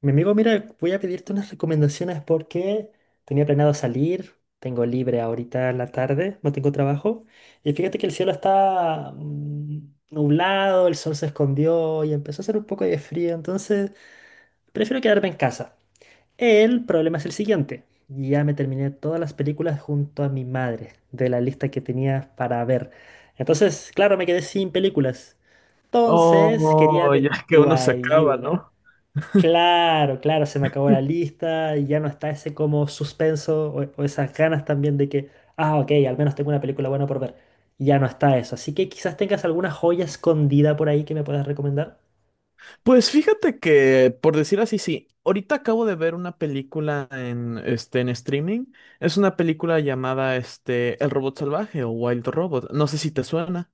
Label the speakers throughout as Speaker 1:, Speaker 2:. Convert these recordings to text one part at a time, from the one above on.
Speaker 1: Mi amigo, mira, voy a pedirte unas recomendaciones porque tenía planeado salir, tengo libre ahorita en la tarde, no tengo trabajo. Y fíjate que el cielo está nublado, el sol se escondió y empezó a hacer un poco de frío, entonces prefiero quedarme en casa. El problema es el siguiente. Ya me terminé todas las películas junto a mi madre de la lista que tenía para ver. Entonces, claro, me quedé sin películas. Entonces, quería
Speaker 2: Oh,
Speaker 1: de
Speaker 2: ya que
Speaker 1: tu
Speaker 2: uno se acaba,
Speaker 1: ayuda.
Speaker 2: ¿no?
Speaker 1: Claro, claro, se me acabó la lista y ya no está ese como suspenso o esas ganas también de que, ah, ok, al menos tengo una película buena por ver. Ya no está eso. Así que quizás tengas alguna joya escondida por ahí que me puedas recomendar.
Speaker 2: Pues fíjate que, por decir así, sí. Ahorita acabo de ver una película en, en streaming. Es una película llamada El Robot Salvaje o Wild Robot. No sé si te suena.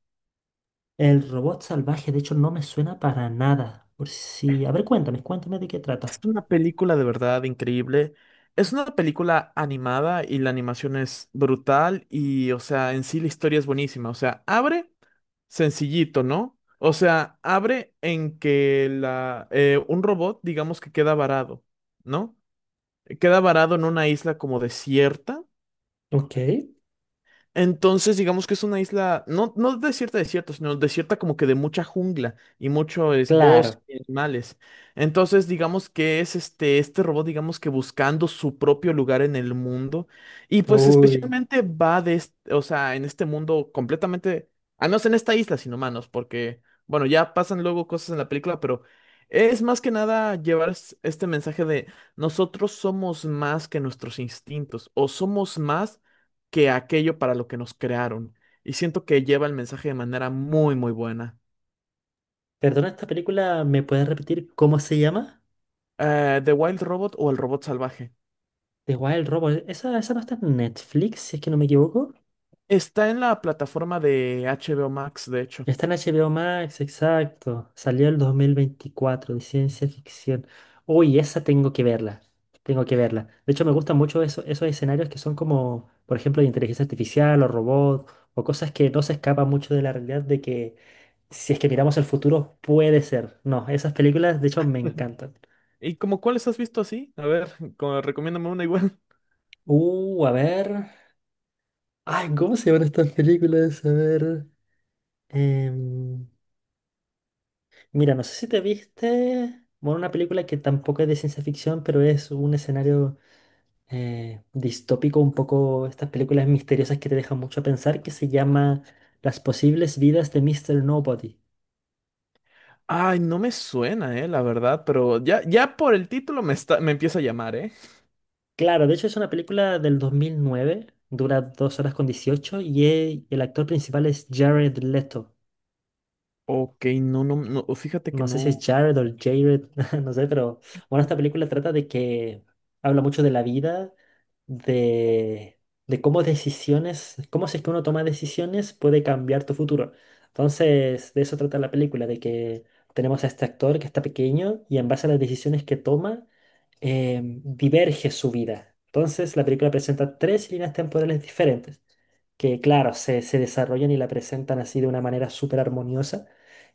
Speaker 1: El robot salvaje, de hecho, no me suena para nada. Por si... A ver, cuéntame, cuéntame de qué
Speaker 2: Es
Speaker 1: trata.
Speaker 2: una película de verdad increíble. Es una película animada y la animación es brutal y, o sea, en sí la historia es buenísima. O sea, abre sencillito, ¿no? O sea, abre en que un robot, digamos que queda varado, ¿no? Queda varado en una isla como desierta.
Speaker 1: Ok,
Speaker 2: Entonces, digamos que es una isla, no, no desierta, desierta, sino desierta como que de mucha jungla y mucho es bosque
Speaker 1: claro.
Speaker 2: y animales. Entonces, digamos que es este robot, digamos que buscando su propio lugar en el mundo. Y pues
Speaker 1: Uy.
Speaker 2: especialmente va de, o sea, en este mundo completamente, al menos en esta isla sin humanos, porque, bueno, ya pasan luego cosas en la película, pero es más que nada llevar este mensaje de nosotros somos más que nuestros instintos o somos más que aquello para lo que nos crearon. Y siento que lleva el mensaje de manera muy, muy buena.
Speaker 1: Perdona, esta película, ¿me puedes repetir cómo se llama?
Speaker 2: The Wild Robot o El Robot Salvaje.
Speaker 1: The Wild Robot. Esa no está en Netflix, si es que no me equivoco.
Speaker 2: Está en la plataforma de HBO Max, de hecho.
Speaker 1: Está en H B O Max, exacto. Salió el 2024 de ciencia ficción. Uy, esa tengo que verla. Tengo que verla. De hecho, me gustan mucho esos escenarios que son como, por ejemplo, de inteligencia artificial o robot o cosas que no se escapan mucho de la realidad de que si es que miramos el futuro puede ser. No, esas películas, de hecho, me encantan.
Speaker 2: ¿Y como cuáles has visto así? A ver, como, recomiéndame una igual.
Speaker 1: A ver. Ay, ¿cómo se llaman estas películas? A ver. em, Mira, no sé si te viste, bueno, una película que tampoco es de ciencia ficción, pero es un escenario distópico, un poco estas películas misteriosas que te dejan mucho a pensar, que se llama Las posibles vidas de Mister Nobody.
Speaker 2: Ay, no me suena, la verdad, pero ya, ya por el título me está, me empieza a llamar, ¿eh?
Speaker 1: Claro, de hecho es una película del 2009, dura 2 horas con 18 y el actor principal es Jared Leto.
Speaker 2: Ok, no, no, no, fíjate que
Speaker 1: No sé si es
Speaker 2: no.
Speaker 1: Jared o Jared, no sé, pero bueno, esta película trata de que habla mucho de la vida, de, de cómo decisiones, cómo si es que uno toma decisiones puede cambiar tu futuro. Entonces, de eso trata la película, de que tenemos a este actor que está pequeño y en base a las decisiones que toma, diverge su vida. Entonces, la película presenta tres líneas temporales diferentes, que claro, se desarrollan y la presentan así de una manera súper armoniosa.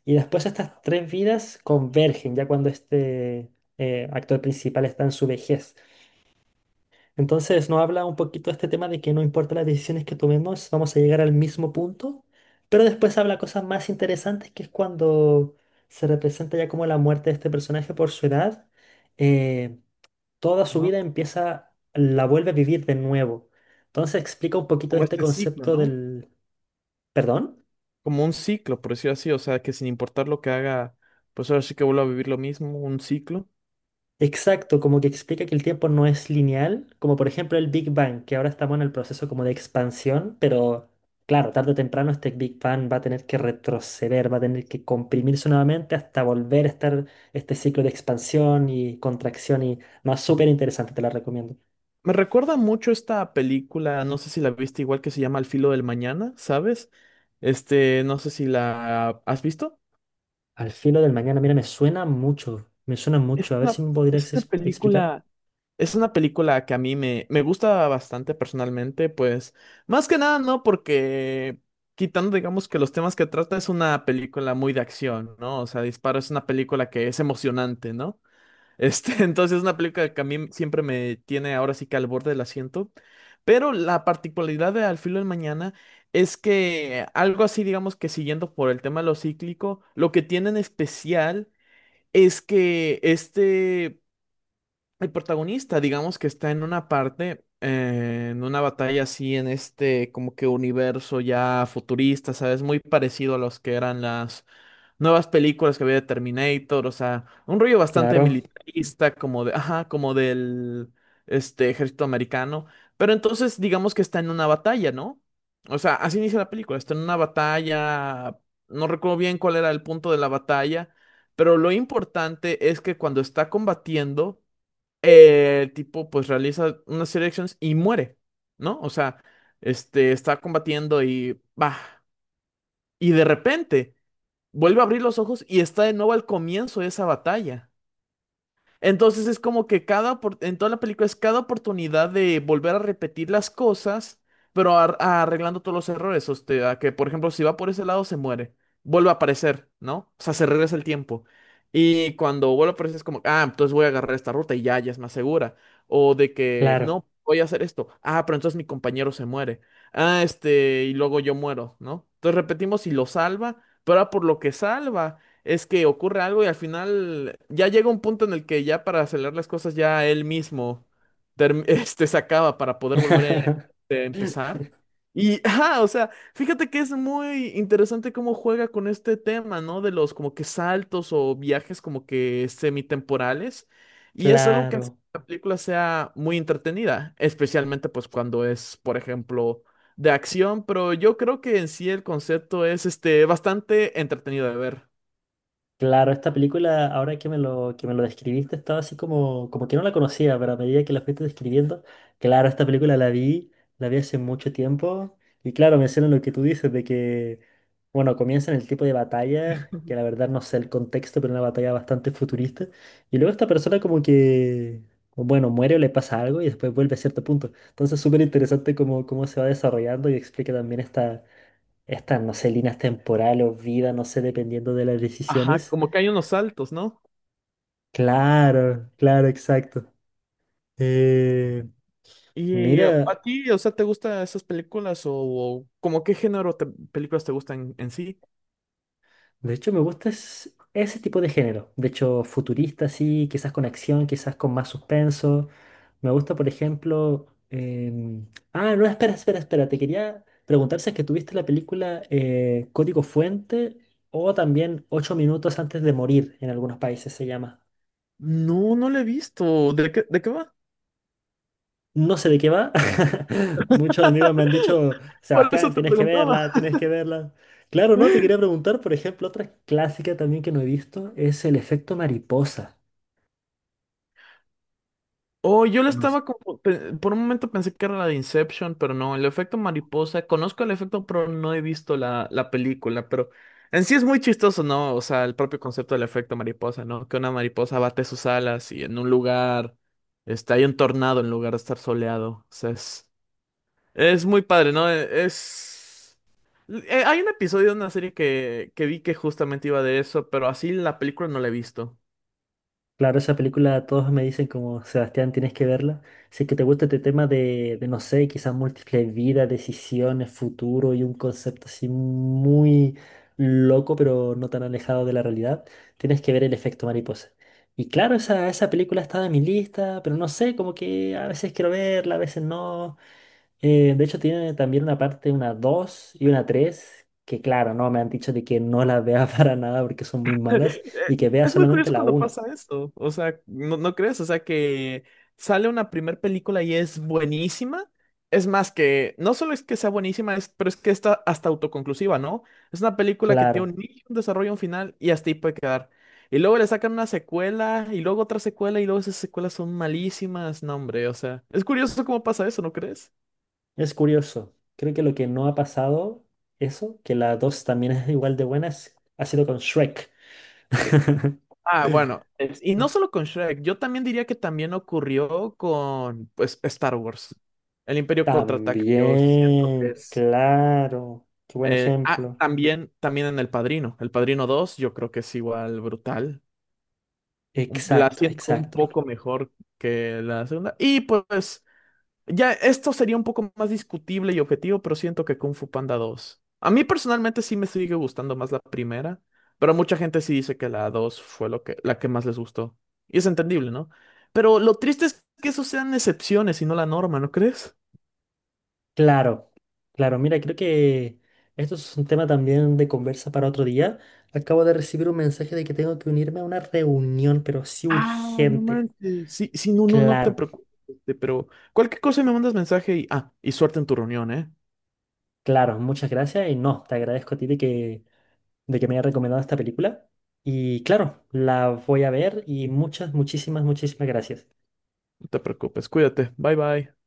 Speaker 1: Y después estas tres vidas convergen ya cuando este actor principal está en su vejez. Entonces nos habla un poquito de este tema de que no importa las decisiones que tomemos, vamos a llegar al mismo punto. Pero después habla cosas más interesantes, que es cuando se representa ya como la muerte de este personaje por su edad. eh, Toda su
Speaker 2: Ah,
Speaker 1: vida empieza, la vuelve a vivir de nuevo. Entonces explica un poquito de
Speaker 2: como
Speaker 1: este
Speaker 2: este ciclo,
Speaker 1: concepto
Speaker 2: ¿no?
Speaker 1: del perdón.
Speaker 2: Como un ciclo, por decirlo así, o sea, que sin importar lo que haga, pues ahora sí que vuelvo a vivir lo mismo, un ciclo.
Speaker 1: Exacto, como que explica que el tiempo no es lineal, como por ejemplo el Big Bang, que ahora estamos en el proceso como de expansión, pero claro, tarde o temprano este Big Bang va a tener que retroceder, va a tener que comprimirse nuevamente hasta volver a estar este ciclo de expansión y contracción y no, súper interesante, te la recomiendo.
Speaker 2: Me recuerda mucho esta película, no sé si la viste igual que se llama Al filo del mañana, ¿sabes? Este, no sé si la has visto.
Speaker 1: Al filo del mañana, mira, me suena
Speaker 2: Es
Speaker 1: mucho, a ver si
Speaker 2: una,
Speaker 1: me
Speaker 2: es
Speaker 1: podrías
Speaker 2: una
Speaker 1: explicar.
Speaker 2: película, es una película que a mí me, me gusta bastante personalmente, pues más que nada, ¿no? Porque quitando, digamos, que los temas que trata es una película muy de acción, ¿no? O sea, Disparo es una película que es emocionante, ¿no? Este, entonces es una película que a mí siempre me tiene ahora sí que al borde del asiento. Pero la particularidad de Al filo del mañana es que algo así, digamos que siguiendo por el tema de lo cíclico, lo que tiene en especial es que el protagonista, digamos que está en una parte, en una batalla así, en este como que universo ya futurista, ¿sabes? Muy parecido a los que eran las nuevas películas que había de Terminator, o sea, un rollo bastante
Speaker 1: Claro,
Speaker 2: militarista, como de, ajá, como del este ejército americano. Pero entonces digamos que está en una batalla, ¿no? O sea, así inicia la película, está en una batalla, no recuerdo bien cuál era el punto de la batalla, pero lo importante es que cuando está combatiendo, el tipo pues realiza unas serie de acciones y muere, ¿no? O sea, este está combatiendo y va. Y de repente vuelve a abrir los ojos y está de nuevo al comienzo de esa batalla. Entonces es como que en toda la película es cada oportunidad de volver a repetir las cosas, pero arreglando todos los errores. O sea, que por ejemplo, si va por ese lado, se muere. Vuelve a aparecer, ¿no? O sea, se regresa el tiempo. Y cuando vuelve a aparecer es como, ah, entonces voy a agarrar esta ruta y ya, ya es más segura. O de que,
Speaker 1: claro.
Speaker 2: no, voy a hacer esto. Ah, pero entonces mi compañero se muere. Ah, y luego yo muero, ¿no? Entonces repetimos y lo salva, pero ahora por lo que salva es que ocurre algo y al final ya llega un punto en el que ya para acelerar las cosas ya él mismo se acaba para poder volver a empezar. Y, ah, o sea, fíjate que es muy interesante cómo juega con este tema, ¿no? De los como que saltos o viajes como que semitemporales. Y es algo que hace que
Speaker 1: Claro.
Speaker 2: la película sea muy entretenida, especialmente pues cuando es, por ejemplo, de acción, pero yo creo que en sí el concepto es este bastante entretenido de ver.
Speaker 1: Claro, esta película, ahora que que me lo describiste, estaba así como, como que no la conocía, pero a medida que la fuiste describiendo, claro, esta película la vi hace mucho tiempo, y claro, mencionan lo que tú dices, de que, bueno, comienzan el tipo de batalla, que la verdad no sé el contexto, pero una batalla bastante futurista, y luego esta persona como que, bueno, muere o le pasa algo y después vuelve a cierto punto. Entonces, súper interesante cómo, cómo se va desarrollando y explica también esta, estas, no sé, líneas temporales o vida, no sé, dependiendo de las
Speaker 2: Ajá,
Speaker 1: decisiones.
Speaker 2: como que hay unos saltos, ¿no?
Speaker 1: Claro, claro, exacto. Eh,
Speaker 2: Y a
Speaker 1: Mira,
Speaker 2: ti, o sea, ¿te gustan esas películas o como qué género de películas te gustan en sí?
Speaker 1: de hecho me gusta ese tipo de género. De hecho, futurista, sí, quizás con acción, quizás con más suspenso. Me gusta, por ejemplo. Ah, no, espera, espera, espera. Te quería preguntar si es que tuviste la película Código Fuente o también Ocho minutos antes de morir en algunos países se llama.
Speaker 2: No, no la he visto. De qué va?
Speaker 1: No sé de qué va. Muchos amigos me han dicho,
Speaker 2: Por eso
Speaker 1: Sebastián,
Speaker 2: te
Speaker 1: tienes que
Speaker 2: preguntaba.
Speaker 1: verla, tienes que verla. Claro, no, te quería preguntar, por ejemplo, otra clásica también que no he visto es el efecto mariposa.
Speaker 2: Oh, yo la
Speaker 1: No.
Speaker 2: estaba como, por un momento pensé que era la de Inception, pero no, el efecto mariposa, conozco el efecto, pero no he visto la película, pero en sí es muy chistoso, ¿no? O sea, el propio concepto del efecto mariposa, ¿no? Que una mariposa bate sus alas y en un lugar, hay un tornado en lugar de estar soleado, o sea, es muy padre, ¿no? E- Es... hay un episodio de una serie que vi que justamente iba de eso, pero así la película no la he visto.
Speaker 1: Claro, esa película todos me dicen como, Sebastián, tienes que verla. Si es que te gusta este tema de, no sé, quizás múltiples vidas, decisiones, futuro y un concepto así muy loco, pero no tan alejado de la realidad, tienes que ver El efecto mariposa. Y claro, esa película estaba en mi lista, pero no sé, como que a veces quiero verla, a veces no. De hecho, tiene también una parte, una 2 y una 3 que claro, no, me han dicho de que no las vea para nada porque son muy malas y
Speaker 2: eh,
Speaker 1: que vea
Speaker 2: es muy
Speaker 1: solamente
Speaker 2: curioso
Speaker 1: la
Speaker 2: cuando pasa
Speaker 1: uno.
Speaker 2: esto. O sea, ¿no, no crees? O sea, que sale una primer película y es buenísima. Es más que, no solo es que sea buenísima, es, pero es que está hasta autoconclusiva, ¿no? Es una película que tiene
Speaker 1: Claro.
Speaker 2: un inicio, un desarrollo, un final y hasta ahí puede quedar. Y luego le sacan una secuela y luego otra secuela y luego esas secuelas son malísimas. No, hombre, o sea, es curioso cómo pasa eso, ¿no crees?
Speaker 1: Es curioso. Creo que lo que no ha pasado, eso, que la 2 también es igual de buena, ha sido con Shrek.
Speaker 2: Ah, bueno, y no solo con Shrek, yo también diría que también ocurrió con pues, Star Wars. El Imperio Contraataca, yo siento que
Speaker 1: También,
Speaker 2: es...
Speaker 1: claro. Qué buen ejemplo.
Speaker 2: también, también en El Padrino. El Padrino 2. Yo creo que es igual brutal. La
Speaker 1: Exacto,
Speaker 2: siento un
Speaker 1: exacto.
Speaker 2: poco mejor que la segunda. Y pues ya, esto sería un poco más discutible y objetivo, pero siento que Kung Fu Panda 2. A mí personalmente sí me sigue gustando más la primera, pero mucha gente sí dice que la 2 fue lo que, la que más les gustó. Y es entendible, ¿no? Pero lo triste es que eso sean excepciones y no la norma, ¿no crees?
Speaker 1: Claro, claro. Mira, creo que esto es un tema también de conversa para otro día. Acabo de recibir un mensaje de que tengo que unirme a una reunión, pero sí
Speaker 2: Ah, no
Speaker 1: urgente.
Speaker 2: manches. Sí, sí, no, no, no te
Speaker 1: Claro,
Speaker 2: preocupes. Pero cualquier cosa me mandas mensaje y, ah, y suerte en tu reunión, ¿eh?
Speaker 1: claro. Muchas gracias y no, te agradezco a ti de que me haya recomendado esta película. Y claro, la voy a ver y muchas, muchísimas, muchísimas gracias.
Speaker 2: No te preocupes, cuídate. Bye, bye.